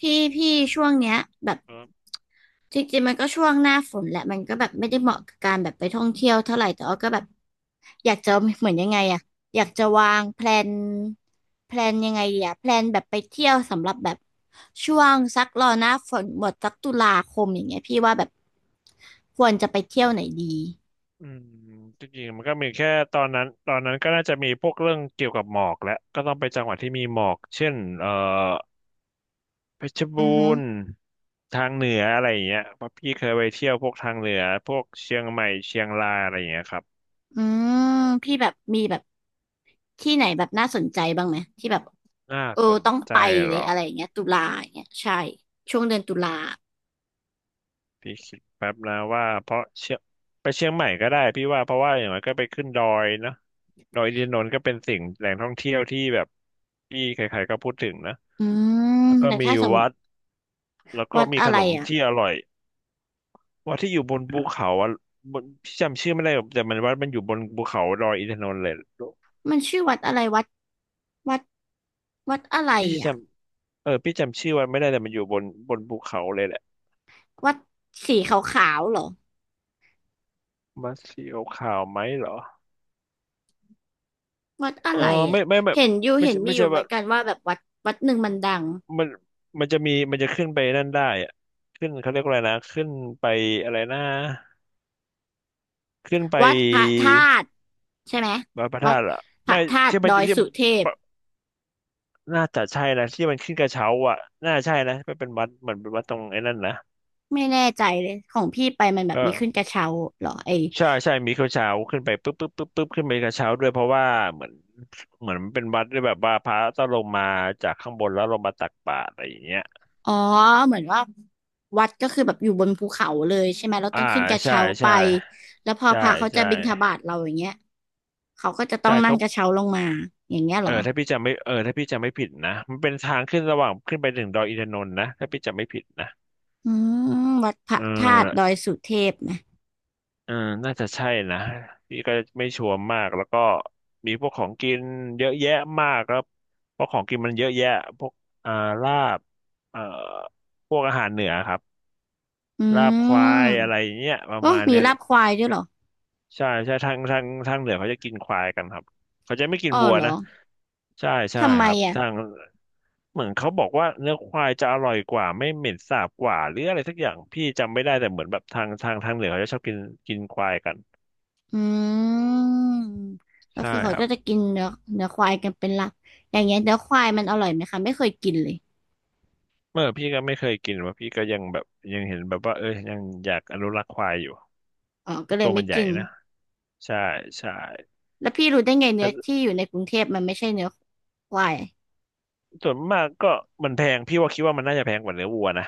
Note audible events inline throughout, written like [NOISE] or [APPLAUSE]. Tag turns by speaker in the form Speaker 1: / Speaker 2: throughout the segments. Speaker 1: พี่พี่ช่วงเนี้ยแบบ
Speaker 2: ครับ
Speaker 1: จริงๆมันก็ช่วงหน้าฝนแหละมันก็แบบไม่ได้เหมาะกับการแบบไปท่องเที่ยวเท่าไหร่แต่ว่าก็แบบอยากจะเหมือนยังไงอะอยากจะวางแพลนยังไงดีอะแพลนแบบไปเที่ยวสำหรับแบบช่วงสักรอหน้าฝนหมดสักตุลาคมอย่างเงี้ยพี่ว่าแบบควรจะไปเที่ยวไหนดี
Speaker 2: อืมจริงๆมันก็มีแค่ตอนนั้นก็น่าจะมีพวกเรื่องเกี่ยวกับหมอกแหละก็ต้องไปจังหวัดที่มีหมอกเช่นเพชรบู
Speaker 1: อือฮึ
Speaker 2: รณ์ทางเหนืออะไรอย่างเงี้ยเพราะพี่เคยไปเที่ยวพวกทางเหนือพวกเชียงใหม่เชียงรายอะไรอย่างเงี้ยครับ
Speaker 1: อืมพี่แบบมีแบบที่ไหนแบบน่าสนใจบ้างไหมที่แบบ
Speaker 2: น่า
Speaker 1: เออ
Speaker 2: สน
Speaker 1: ต้อง
Speaker 2: ใจ
Speaker 1: ไป
Speaker 2: เห
Speaker 1: เล
Speaker 2: ร
Speaker 1: ย
Speaker 2: อ
Speaker 1: อะไรอย่างเงี้ยตุลาอย่างเงี้ยใช่ช่วงเดือนตุลา
Speaker 2: พี่คิดแป๊บนะว่าเพราะเชียงไปเชียงใหม่ก็ได้พี่ว่าเพราะว่าอย่างไรก็ไปขึ้นดอยเนอะดอยอินทนนท์ก็เป็นสิ่งแหล่งท่องเที่ยวที่แบบที่ใครๆก็พูดถึงนะ
Speaker 1: อืม
Speaker 2: แล้วก็
Speaker 1: แต่
Speaker 2: มี
Speaker 1: ถ้าสมม
Speaker 2: วั
Speaker 1: ติ
Speaker 2: ด แล้วก็
Speaker 1: วัด
Speaker 2: มี
Speaker 1: อะ
Speaker 2: ข
Speaker 1: ไร
Speaker 2: นม
Speaker 1: อ่ะ
Speaker 2: ที่อร่อยว่าที่อยู่บนภูเขาอ่ะบนพี่จำชื่อไม่ได้หรอกแต่มันว่ามันอยู่บนภูเขาดอยอินทนนท์เลย
Speaker 1: มันชื่อวัดอะไรวัดวัดอะไร
Speaker 2: พี่จ
Speaker 1: อ่ะ
Speaker 2: พี่จำชื่อวันไม่ได้แต่มันอยู่บนบนภูเขาเลยแหละ
Speaker 1: วัดสีขาวๆเหรอ
Speaker 2: มาเสียวขาวไหมเหรอ
Speaker 1: วัดอะ
Speaker 2: เออ
Speaker 1: ไรอ่ะ
Speaker 2: ไม่ไม่ไม่
Speaker 1: เห็นอยู่
Speaker 2: ไม่
Speaker 1: เห็น
Speaker 2: ใช่
Speaker 1: มี
Speaker 2: ไม่
Speaker 1: อ
Speaker 2: ใช่
Speaker 1: ยู่เหมื
Speaker 2: ว่า
Speaker 1: อนกันว่าแบบวัดหนึ่งมันดัง
Speaker 2: มันมันจะมีมันจะขึ้นไปนั่นได้อะขึ้นเขาเรียกว่าอะไรนะขึ้นไปอะไรนะขึ้นไป
Speaker 1: วัดพระธาตุใช่ไหม
Speaker 2: พระ
Speaker 1: วั
Speaker 2: ธา
Speaker 1: ด
Speaker 2: ตุเหรอ
Speaker 1: พระ
Speaker 2: ไม่
Speaker 1: ธาตุ
Speaker 2: ใช่ไม่
Speaker 1: ดอ
Speaker 2: ใช่
Speaker 1: ย
Speaker 2: ไม่ใช่
Speaker 1: สุเทพ
Speaker 2: น่าจะใช่นะที่มันขึ้นกระเช้าอ่ะน่าใช่นะมันเป็นวัดเหมือนเป็นวัดตรงไอ้นั่นนะ
Speaker 1: ไม่แน่ใจเลยของพี่ไปมันแบบมีขึ้น
Speaker 2: เออ
Speaker 1: กระเช้าเหรอไอ
Speaker 2: ใช่ใช่มีกระเช้าขึ้นไปปุ๊บปุ๊บปุ๊บปุ๊บขึ้นไปกระเช้าด้วยเพราะว่าเหมือนเหมือนมันเป็นวัดด้วยแบบว่าพระต้องลงมาจากข้างบนแล้วลงมาตักบาตรอะไรอย่างเงี้ย
Speaker 1: อ๋อเหมือนว่าวัดก็คือแบบอยู่บนภูเขาเลยใช่ไหมเรา
Speaker 2: อ่า
Speaker 1: ต้องขึ้นกระ
Speaker 2: ใช่
Speaker 1: เช้าไป
Speaker 2: ใช่
Speaker 1: แล้วพอ
Speaker 2: ใช่
Speaker 1: พระเขาจะ
Speaker 2: ใช่
Speaker 1: บิณฑบาตเราอย่างเงี้ยเขาก็จะต้อ
Speaker 2: ใช่
Speaker 1: งนั่ง
Speaker 2: เขา
Speaker 1: กระเช้าลงมาอย่างเงี้ยเหรอ
Speaker 2: ถ้าพี่จำไม่ผิดนะมันเป็นทางขึ้นระหว่างขึ้นไปถึงดอยอินทนนท์นะถ้าพี่จำไม่ผิดนะ
Speaker 1: อืมวัดพระ
Speaker 2: เออ
Speaker 1: ธาตุดอยสุเทพนะ
Speaker 2: น่าจะใช่นะพี่ก็ไม่ชัวร์มากแล้วก็มีพวกของกินเยอะแยะมากครับเพราะของกินมันเยอะแยะพวกอ่าลาบเอ่อพวกอาหารเหนือครับ
Speaker 1: อื
Speaker 2: ลาบควา
Speaker 1: ม
Speaker 2: ยอะไรอย่างเงี้ยประ
Speaker 1: โอ้
Speaker 2: มาณ
Speaker 1: มี
Speaker 2: เนี้ยห
Speaker 1: ลา
Speaker 2: ร
Speaker 1: บ
Speaker 2: อก
Speaker 1: ควายด้วยเหรอ
Speaker 2: ใช่ใช่ทางเหนือเขาจะกินควายกันครับเขาจะไม่กิน
Speaker 1: อ๋อ
Speaker 2: วัว
Speaker 1: เหรอ
Speaker 2: นะใช่ใช่
Speaker 1: ทำไม
Speaker 2: ครับ
Speaker 1: อ่ะ
Speaker 2: ทางเหมือนเขาบอกว่าเนื้อควายจะอร่อยกว่าไม่เหม็นสาบกว่าหรืออะไรสักอย่างพี่จำไม่ได้แต่เหมือนแบบทางเหนือเขาจะชอบกินกินควายกัน
Speaker 1: อืมก็
Speaker 2: ใช่
Speaker 1: คือเขา
Speaker 2: ครั
Speaker 1: ก็
Speaker 2: บ
Speaker 1: จะกินเนื้อควายกันเป็นหลักอย่างเงี้ยเนื้อควายมันอร่อยไหมคะไม่เคยกินเลย
Speaker 2: เมื่อพี่ก็ไม่เคยกินว่าพี่ก็ยังแบบยังเห็นแบบว่าเออยังอยากอนุรักษ์ควายอยู่
Speaker 1: อ๋อก็เลย
Speaker 2: ตัว
Speaker 1: ไม่
Speaker 2: มันใหญ่
Speaker 1: กิน
Speaker 2: นะใช่ใช่
Speaker 1: แล้วพี่รู้ได้ไงเนื้อ
Speaker 2: แต่
Speaker 1: ที่อยู่ในกรุงเทพมันไม่ใช่เนื้อควาย
Speaker 2: ส่วนมากก็มันแพงพี่ว่าคิดว่ามันน่าจะแพงกว่าเนื้อวัวนะ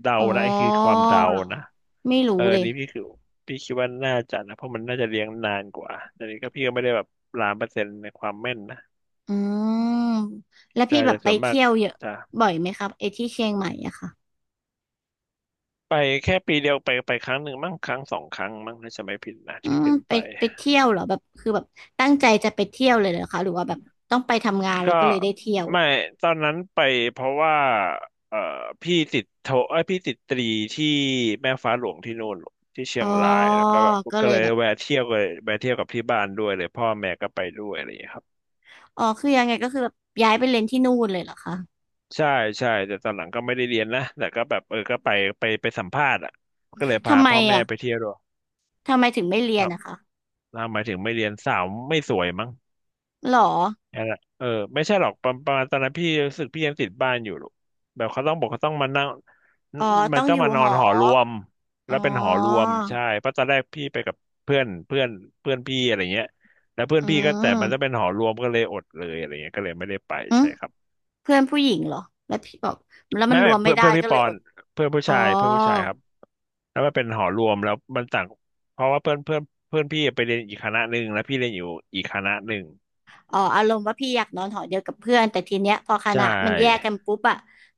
Speaker 2: เดา
Speaker 1: อ๋อ
Speaker 2: นะไอ้คือความเดา
Speaker 1: เหรอ
Speaker 2: นะ
Speaker 1: ไม่รู้
Speaker 2: เออ
Speaker 1: เล
Speaker 2: อัน
Speaker 1: ย
Speaker 2: นี้พี่คือพี่คิดว่าน่าจะนะเพราะมันน่าจะเลี้ยงนานกว่าแต่นี้ก็พี่ก็ไม่ได้แบบล้านเปอร์เซ็นต์ในความแม่นนะ
Speaker 1: อืมแล้ว
Speaker 2: ใช่
Speaker 1: พี่แบ
Speaker 2: แต่
Speaker 1: บไป
Speaker 2: ส่วนมาก
Speaker 1: เที่ยวเยอะ
Speaker 2: จะ
Speaker 1: บ่อยไหมครับไอ้ที่เชียงใหม่อะค่ะ
Speaker 2: ไปแค่ปีเดียวไปครั้งหนึ่งมั้งครั้งสองครั้งมั้งถ้าจะไม่ผิดนะ
Speaker 1: อื
Speaker 2: ที่
Speaker 1: ม
Speaker 2: ขึ้น
Speaker 1: ไป
Speaker 2: ไป
Speaker 1: ไปเที่ยวเหรอแบบคือแบบตั้งใจจะไปเที่ยวเลยเหรอคะหรือว่าแบบต้องไปทำงานแล้
Speaker 2: ก็
Speaker 1: วก็เลยได้เที่ยว
Speaker 2: ไม่ตอนนั้นไปเพราะว่าเอ่อพี่ติดโทเอ้ยพี่ติดตรีที่แม่ฟ้าหลวงที่นู่นที่เชี
Speaker 1: อ๋
Speaker 2: ย
Speaker 1: อ
Speaker 2: งรายแล้วก็แบบ
Speaker 1: ก็
Speaker 2: ก็
Speaker 1: เลย
Speaker 2: เลย
Speaker 1: แบบ
Speaker 2: แวะเที่ยวเลยแวะเที่ยวกับที่บ้านด้วยเลยพ่อแม่ก็ไปด้วยอะไรอย่างเงี้ยครับ
Speaker 1: อ๋อคือยังไงก็คือแบบย้ายไปเรียนที่นู่นเลยเหรอคะ
Speaker 2: ใช่ใช่แต่ตอนหลังก็ไม่ได้เรียนนะแต่ก็แบบเออก็ไปไปสัมภาษณ์อ่ะก็เลยพา
Speaker 1: ทำไม
Speaker 2: พ่อแม่
Speaker 1: อะ
Speaker 2: ไปเที่ยวด้วย
Speaker 1: ทำไมถึงไม่เรี
Speaker 2: ค
Speaker 1: ยน
Speaker 2: รับ
Speaker 1: นะคะ
Speaker 2: นะหมายถึงไม่เรียนสาวไม่สวยมั้ง
Speaker 1: หรอ
Speaker 2: นั่นแหละเออไม่ใช่หรอกประมาณตอนนั้นพี่รู้สึกพี่ยังติดบ้านอยู่หรอกแบบเขาต้องบอกเขาต้องมานั่ง
Speaker 1: อ๋อ
Speaker 2: มั
Speaker 1: ต้อ
Speaker 2: น
Speaker 1: ง
Speaker 2: ต้อ
Speaker 1: อ
Speaker 2: ง
Speaker 1: ยู่
Speaker 2: มาน
Speaker 1: ห
Speaker 2: อน
Speaker 1: อ
Speaker 2: หอรวม
Speaker 1: อ๋
Speaker 2: แล้
Speaker 1: อ
Speaker 2: วเป็นหอรวมใช่เพราะตอนแรกพี่ไปกับเพื่อนเพื่อนเพื่อนพี่อะไรเงี้ยแล้วเพื่อ
Speaker 1: อื
Speaker 2: นพี่ก็แต่มันจะ
Speaker 1: ม
Speaker 2: เป็นหอรวมก็เลยอดเลยอะไรเงี้ยก็เลยไม่ได้ไป
Speaker 1: อืม
Speaker 2: ใช่ครับ
Speaker 1: เพื่อนผู้หญิงเหรอแล้วพี่บอกแล้วมั
Speaker 2: ไม่
Speaker 1: นร
Speaker 2: ไม่
Speaker 1: วม
Speaker 2: เพื่
Speaker 1: ไม่
Speaker 2: อน
Speaker 1: ได้
Speaker 2: เพื่อนพี่
Speaker 1: ก็
Speaker 2: ป
Speaker 1: เลย
Speaker 2: อ
Speaker 1: อ
Speaker 2: น
Speaker 1: ด
Speaker 2: เพื่อนผู้
Speaker 1: อ๋อ
Speaker 2: ชายเพื่อนผู้ชายครับแล้วมันเป็นหอรวมแล้วมันต่างเพราะว่าเพื่อนเพื่อนเพื่อนพี่ไปเรียนอีกคณะหนึ่งแล้วพี่เรียนอยู่อีกคณะหนึ่ง
Speaker 1: อ๋ออารมณ์ว่าพี่อยากนอนหอเดียวกับเพื่อนแต่ทีเนี้ยพอค
Speaker 2: ใช
Speaker 1: ณะมันแยก
Speaker 2: ่
Speaker 1: กันปุ๊บอะ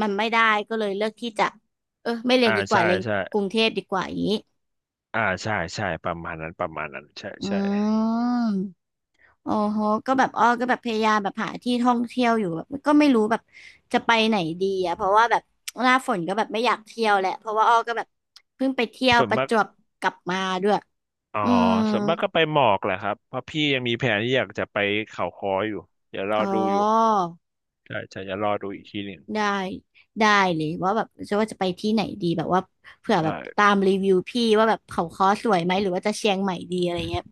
Speaker 1: มันไม่ได้ก็เลยเลือกที่จะเออไม่เรีย
Speaker 2: อ่า
Speaker 1: นดีกว่า
Speaker 2: ใช่
Speaker 1: เรียน
Speaker 2: ใช่
Speaker 1: กรุงเทพดีกว่าอย่างนี้
Speaker 2: อ่าใช่ใช่ประมาณนั้นประมาณนั้นใช่
Speaker 1: อื
Speaker 2: ใช่
Speaker 1: มโอ้โหก็แบบอ้อก็แบบพยายามแบบหาที่ท่องเที่ยวอยู่แบบก็ไม่รู้แบบจะไปไหนดีอะเพราะว่าแบบหน้าฝนก็แบบไม่อยากเที่ยวแหละเพราะว่าอ้อก็แบบเพิ่งไปเที่ยว
Speaker 2: ส่วน
Speaker 1: ประ
Speaker 2: มาก
Speaker 1: จวบกลับมาด้วย
Speaker 2: อ๋อ
Speaker 1: อืม
Speaker 2: ส่วนมากก็ไปหมอกแหละครับเพราะพี่ยังมีแผนที่อยากจะไปเขาค้ออยู่เดี๋ยวรอ
Speaker 1: อ๋อ
Speaker 2: ดูอยู่ใช่ใช่เดี๋ยวรอดูอีกทีหนึ่ง
Speaker 1: ได้ได้เลยว่าแบบจะว่าจะไปที่ไหนดีแบบว่าเผื่อแบ
Speaker 2: ได้
Speaker 1: บตามรีวิวพี่ว่าแบบเขาค้อสวยไหมหรือว่าจะเชียงใหม่ดีอะไรเงี้ย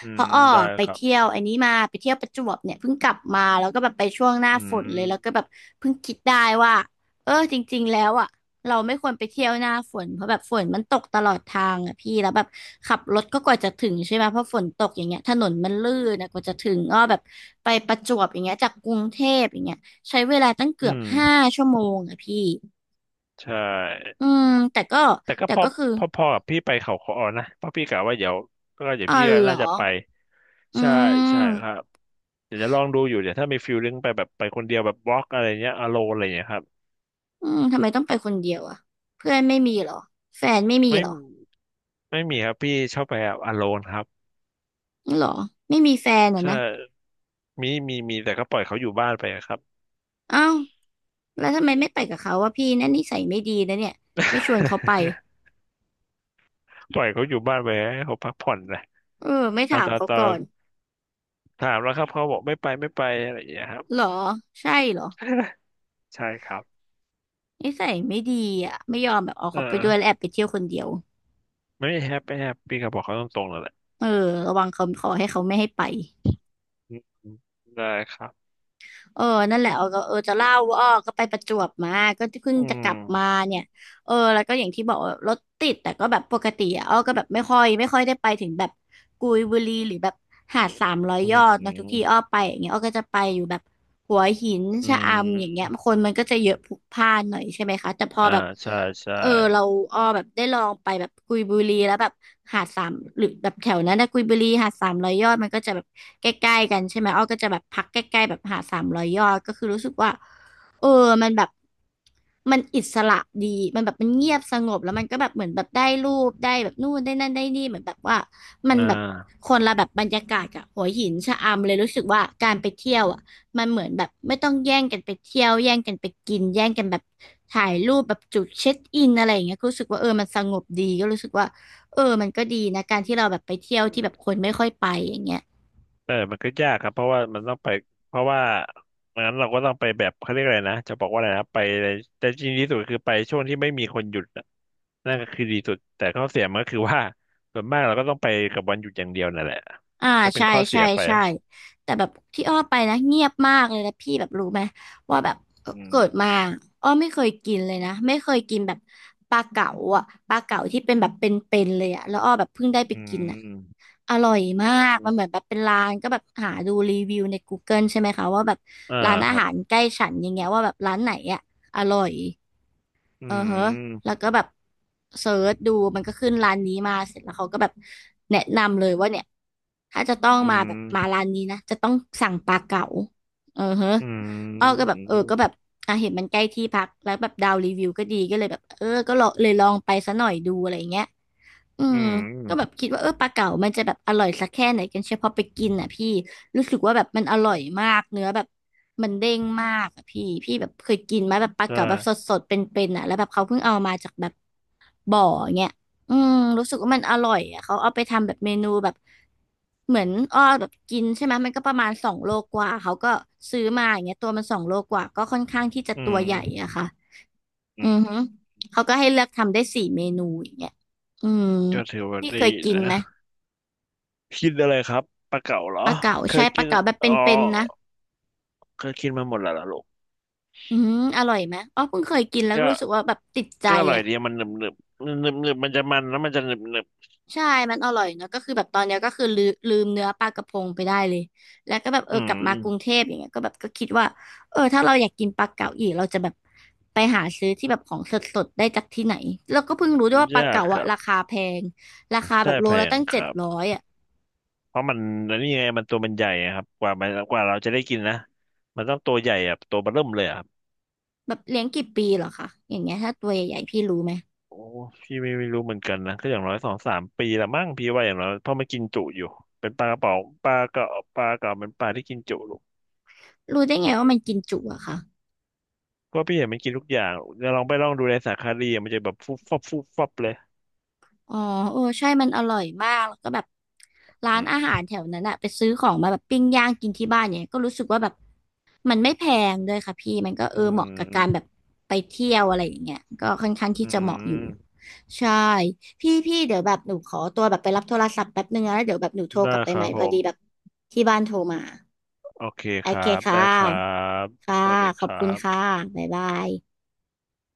Speaker 2: อื
Speaker 1: เพ
Speaker 2: ม
Speaker 1: ราะอ้อ
Speaker 2: ได้
Speaker 1: ไป
Speaker 2: ครับ
Speaker 1: เที่ยวอันนี้มาไปเที่ยวประจวบเนี่ยเพิ่งกลับมาแล้วก็แบบไปช่วงหน้า
Speaker 2: อื
Speaker 1: ฝนเลยแล้วก็แบ
Speaker 2: ม
Speaker 1: บเพิ่งคิดได้ว่าเออจริงๆแล้วอ่ะเราไม่ควรไปเที่ยวหน้าฝนเพราะแบบฝนมันตกตลอดทางอ่ะพี่แล้วแบบขับรถก็กว่าจะถึงใช่ไหมเพราะฝนตกอย่างเงี้ยถนนมันลื่นนะกว่าจะถึงอ้อแบบไปประจวบอย่างเงี้ยจากกรุงเทพอย่างเงี้ย ใช้เวลาตั้งเกื
Speaker 2: อื
Speaker 1: อบ
Speaker 2: ม
Speaker 1: 5ชั่วโมงอะพี่
Speaker 2: ใช่
Speaker 1: อืมแต่ก็
Speaker 2: แต่ก็
Speaker 1: แต่
Speaker 2: พอ
Speaker 1: ก็คือ
Speaker 2: พอกับพี่ไปเขาค้อนะเพราะพี่กะว่าเดี๋ยวก็เดี๋ยว
Speaker 1: อ๋อ
Speaker 2: พี่ก็
Speaker 1: เหรอ
Speaker 2: น่าจะไป
Speaker 1: อื
Speaker 2: ใช่ใช่ครั
Speaker 1: ม
Speaker 2: บเดี๋ยวจะลองดูอยู่เดี๋ยวถ้ามีฟิลลิ่งไปแบบไปคนเดียวแบบบล็อกอะไรเงี้ยอโลนอะไรเงี้ยครับ
Speaker 1: อืมทำไมต้องไปคนเดียวอะเพื่อนไม่มีเหรอแฟนไม่มี
Speaker 2: ไม่
Speaker 1: เหรอ
Speaker 2: ไม่มีครับพี่ชอบไปแบบอโลนครับ
Speaker 1: เหรอไม่มีแฟนอะ
Speaker 2: ใช่
Speaker 1: นะ
Speaker 2: มีมีมีแต่ก็ปล่อยเขาอยู่บ้านไปอะครับ
Speaker 1: อ้าวแล้วทำไมไม่ไปกับเขาวะพี่นั่นนิสัยไม่ดีนะเนี่ยไม่ชวนเขาไป
Speaker 2: [LAUGHS] ปล่อยเขาอยู่บ้านไปให้เขาพักผ่อนนะ
Speaker 1: เออไม่
Speaker 2: อ่ะ
Speaker 1: ถาม
Speaker 2: ตอน
Speaker 1: เขา
Speaker 2: ตอ
Speaker 1: ก่อ
Speaker 2: น
Speaker 1: น
Speaker 2: ถามแล้วครับเขาบอกไม่ไปไม่ไปอะไรอย่างเงี้ยครับ
Speaker 1: เหรอใช่เหรอ
Speaker 2: [LAUGHS] ใช่ครับ
Speaker 1: นิสัยไม่ดีอะไม่ยอมแบบเอา
Speaker 2: เอ
Speaker 1: เขาไปด้วยแล้ว
Speaker 2: อ
Speaker 1: แอบไปเที่ยวคนเดียว
Speaker 2: ไม่แฮปไม่แฮปปี้ครับบอกเขาตรงๆเลยแหละ
Speaker 1: เออระวังเขาขอให้เขาไม่ให้ไป
Speaker 2: อืมได้ครับ
Speaker 1: เออนั่นแหละเออก็เออจะเล่าว่าอ้อก็ไปประจวบมา ก็เพิ่ง
Speaker 2: อื
Speaker 1: จะกลั
Speaker 2: ม
Speaker 1: บมาเนี่ยเออแล้วก็อย่างที่บอกว่ารถติดแต่ก็แบบปกติอะอ้อก็แบบไม่ค่อยได้ไปถึงแบบกุยบุรีหรือแบบหาด300
Speaker 2: อื
Speaker 1: ยอดเนอะทุกที่
Speaker 2: ม
Speaker 1: อ้อไปอย่างเงี้ยอ้อก็จะไปอยู่แบบหัวหิน
Speaker 2: อื
Speaker 1: ชะอำอย่างเงี้ย
Speaker 2: ม
Speaker 1: คนมันก็จะเยอะพลุกพล่านหน่อยใช่ไหมคะแต่พอ
Speaker 2: อ่า
Speaker 1: แบบ
Speaker 2: ใช่ใช่
Speaker 1: เออเราแบบได้ลองไปแบบกุยบุรีแล้วแบบหาดสามหรือแบบแถวนั้นนะกุยบุรีหาดสามร้อยยอดมันก็จะแบบใกล้ๆกันใช่ไหมก็จะแบบพักใกล้ๆแบบหาดสามร้อยยอดก็คือรู้สึกว่าเออมันแบบมันอิสระดีมันแบบมันเงียบสงบแล้วมันก็แบบเหมือนแบบได้รูปได้แบบนู่นได้นั่นได้นี่เหมือนแบบว่ามัน
Speaker 2: อ่
Speaker 1: แบบ
Speaker 2: า
Speaker 1: คนละแบบบรรยากาศกับหัวหินชะอำเลยรู้สึกว่าการไปเที่ยวอ่ะ มันเหมือนแบบไม่ต้องแย่งกันไปเที่ยวแย่งกันไปกินแย่งกันแบบถ่ายรูปแบบจุดเช็คอินอะไรอย่างเงี้ยก็รู้สึกว่ามันสงบดีก็รู้สึกว่ามันก็ดีนะการที่เราแบบไปเที่ยวที่แบบคนไม่ค่อยไปอย่างเงี้ย
Speaker 2: เออมันก็ยากครับเพราะว่ามันต้องไปเพราะว่างั้นเราก็ต้องไปแบบเขาเรียกอะไรนะจะบอกว่าอะไรนะไปในแต่จริงที่สุดคือไปช่วงที่ไม่มีคนหยุดน่ะนั่นก็คือดีสุด แต่ข้อเสียมันก็คือว่าส่วนมากเราก็ต้องไปกับวันหยุดอย่างเดียวนั่นแหละ
Speaker 1: อ่า
Speaker 2: ก็เป็น
Speaker 1: ใช่
Speaker 2: ข้อเสี
Speaker 1: ใช่
Speaker 2: ยไป
Speaker 1: ใช่แต่แบบที่ไปนะเงียบมากเลยนะพี่แบบรู้ไหมว่าแบบ
Speaker 2: อืม
Speaker 1: เกิดมาไม่เคยกินเลยนะไม่เคยกินแบบปลาเก๋าอ่ะปลาเก๋าที่เป็นแบบเป็นๆเลยอ่ะแล้วแบบเพิ่งได้ไป
Speaker 2: อื
Speaker 1: กินอ่ะ
Speaker 2: ม
Speaker 1: อร่อ
Speaker 2: อื
Speaker 1: ยมากมัน
Speaker 2: ม
Speaker 1: เหมือนแบบเป็นร้านก็แบบหาดูรีวิวใน Google ใช่ไหมคะว่าแบบ
Speaker 2: อ่า
Speaker 1: ร้าน
Speaker 2: ค
Speaker 1: อา
Speaker 2: รับ
Speaker 1: หารใกล้ฉันอย่างเงี้ยว่าแบบร้านไหนอ่ะอร่อย
Speaker 2: อื
Speaker 1: เออฮะแล้ว
Speaker 2: ม
Speaker 1: ก็แบบเสิร์ชดูมันก็ขึ้นร้านนี้มาเสร็จแล้วเขาก็แบบแนะนำเลยว่าเนี่ยถ้าจะต้อง
Speaker 2: อื
Speaker 1: มาแบบมา
Speaker 2: ม
Speaker 1: ร้านนี้นะจะต้องสั่งปลาเก๋าเออฮะ
Speaker 2: อืม
Speaker 1: ก็แบบ
Speaker 2: อื
Speaker 1: ก็แบ
Speaker 2: ม
Speaker 1: บอ่ะเห็นมันใกล้ที่พักแล้วแบบดาวรีวิวก็ดีก็เลยแบบก็ลองเลยลองไปซะหน่อยดูอะไรอย่างเงี้ย อื
Speaker 2: อื
Speaker 1: ม
Speaker 2: ม
Speaker 1: ก็แบบคิดว่าปลาเก๋ามันจะแบบอร่อยสักแค่ไหนกันเชียวพอไปกินอ่ะพี่รู้สึกว่าแบบมันอร่อยมากเนื้อแบบมันเด้งมากอ่ะพี่แบบเคยกินไหมแบบปลา
Speaker 2: ก็
Speaker 1: เก๋าแบบสดๆเป็นๆอ่ะแล้วแบบเขาเพิ่งเอามาจากแบบบ่อเงี้ยอืมรู้สึกว่ามันอร่อยอ่ะเขาเอาไปทำแบบเมนูแบบเหมือนแบบกินใช่ไหมมันก็ประมาณสองโลกว่าเขาก็ซื้อมาอย่างเงี้ยตัวมันสองโลกว่าก็ค่อนข้างที่จะ
Speaker 2: อื
Speaker 1: ตั
Speaker 2: ม
Speaker 1: วใหญ่อะค่ะ
Speaker 2: อื
Speaker 1: อื
Speaker 2: ม
Speaker 1: อฮึเขาก็ให้เลือกทำได้4 เมนูอย่างเงี้ยอืม
Speaker 2: ก็ถือว่า
Speaker 1: ที่
Speaker 2: ดี
Speaker 1: เคยกิน
Speaker 2: นะ
Speaker 1: ไหม
Speaker 2: กินอะไรครับปลาเก๋าเหรอ
Speaker 1: ปลาเก๋า
Speaker 2: เค
Speaker 1: ใช่
Speaker 2: ย
Speaker 1: ป
Speaker 2: กิ
Speaker 1: ลา
Speaker 2: น
Speaker 1: เก๋าแบบเ
Speaker 2: อ๋อ
Speaker 1: ป็นๆนะ
Speaker 2: เคยกินมาหมดแล้วเหรอลูก
Speaker 1: อืมอร่อยไหมอ๋อเพิ่งเคยกินแล้ว
Speaker 2: ก็
Speaker 1: รู้สึกว่าแบบติดใจ
Speaker 2: ก็อร่อย
Speaker 1: อ่ะ
Speaker 2: ดีมันหนึบหนึบหนึบหนึบมันจะมันแล้วมันจะหนึบหนึบ
Speaker 1: ใช่ มันอร่อยเนาะก็คือแบบตอนเนี้ยก็คือลืมเนื้อปลากระพงไปได้เลย แล้วก็แบบ
Speaker 2: อื
Speaker 1: กลับมากรุงเท
Speaker 2: ม
Speaker 1: พอย่างเงี้ยก็แบบก็คิดว่าถ้าเราอยากกินปลาเก๋าอีกเราจะแบบไปหาซื้อที่แบบของสดๆได้จากที่ไหนแล้วก็เพิ่งรู้ด้วยว่าปลา
Speaker 2: ยาก
Speaker 1: เก๋า
Speaker 2: ค
Speaker 1: อะ
Speaker 2: รับ
Speaker 1: ราคาแพงราคาแบ
Speaker 2: ใช่
Speaker 1: บโล
Speaker 2: แพ
Speaker 1: ละ
Speaker 2: ง
Speaker 1: ตั้ง
Speaker 2: ค
Speaker 1: เจ็ด
Speaker 2: รับ
Speaker 1: ร้อยอ่ะ
Speaker 2: เพราะมันอันนี่ไงมันตัวมันใหญ่อะครับกว่ามันกว่าเราจะได้กินนะมันต้องตัวใหญ่อะตัวเบอเริ่มเลยอะครับ
Speaker 1: แบบเลี้ยงกี่ปีเหรอคะ อย่างเงี้ยถ้าตัวใหญ่ๆพี่รู้ไหม
Speaker 2: โอ้พี่ไม่ไม่รู้เหมือนกันนะก็อย่างน้อย2-3 ปีละมั้งพี่ว่าอย่างน้อยเพราะมันกินจุอยู่เป็นปลากระเป๋าปลากระปลาเก๋าเป็นปลาที่กินจุ
Speaker 1: รู้ได้ไงว่ามันกินจุอะคะ
Speaker 2: เพราะพี่เห็นมันกินทุกอย่างจะวลองไปลองดูในสารคดีอะมันจะแบบฟุบฟับฟุบฟับเลย
Speaker 1: อ๋อใช่มันอร่อยมากแล้วก็แบบร้าน
Speaker 2: อื
Speaker 1: อาหา
Speaker 2: ม
Speaker 1: รแถวนั้นอะไปซื้อของมาแบบปิ้งย่างกินที่บ้านเนี่ยก็รู้สึกว่าแบบมันไม่แพงด้วยค่ะพี่มันก็
Speaker 2: อื
Speaker 1: เหมาะกับการ
Speaker 2: ม
Speaker 1: แบบไปเที่ยวอะไรอย่างเงี้ยก็ค่อนข้างที่
Speaker 2: อื
Speaker 1: จะเหมาะอยู่
Speaker 2: ม
Speaker 1: ใช่พี่เดี๋ยวแบบหนูขอตัวแบบไปรับโทรศัพท์แป๊บนึงนะแล้วเดี๋ยวแบบหนูโทร
Speaker 2: ได้
Speaker 1: กลับไป
Speaker 2: ค
Speaker 1: ให
Speaker 2: รั
Speaker 1: ม่
Speaker 2: บผ
Speaker 1: พอดีแบบ
Speaker 2: ม
Speaker 1: ที่บ้านโทรมา
Speaker 2: โอเค
Speaker 1: โอ
Speaker 2: ครั
Speaker 1: เค
Speaker 2: บ
Speaker 1: ค่
Speaker 2: ได้ครั
Speaker 1: ะ
Speaker 2: บ
Speaker 1: ค่ะ
Speaker 2: สวัสดี
Speaker 1: ข
Speaker 2: ค
Speaker 1: อบ
Speaker 2: รั
Speaker 1: คุณค่ะ
Speaker 2: บ
Speaker 1: บ๊ายบาย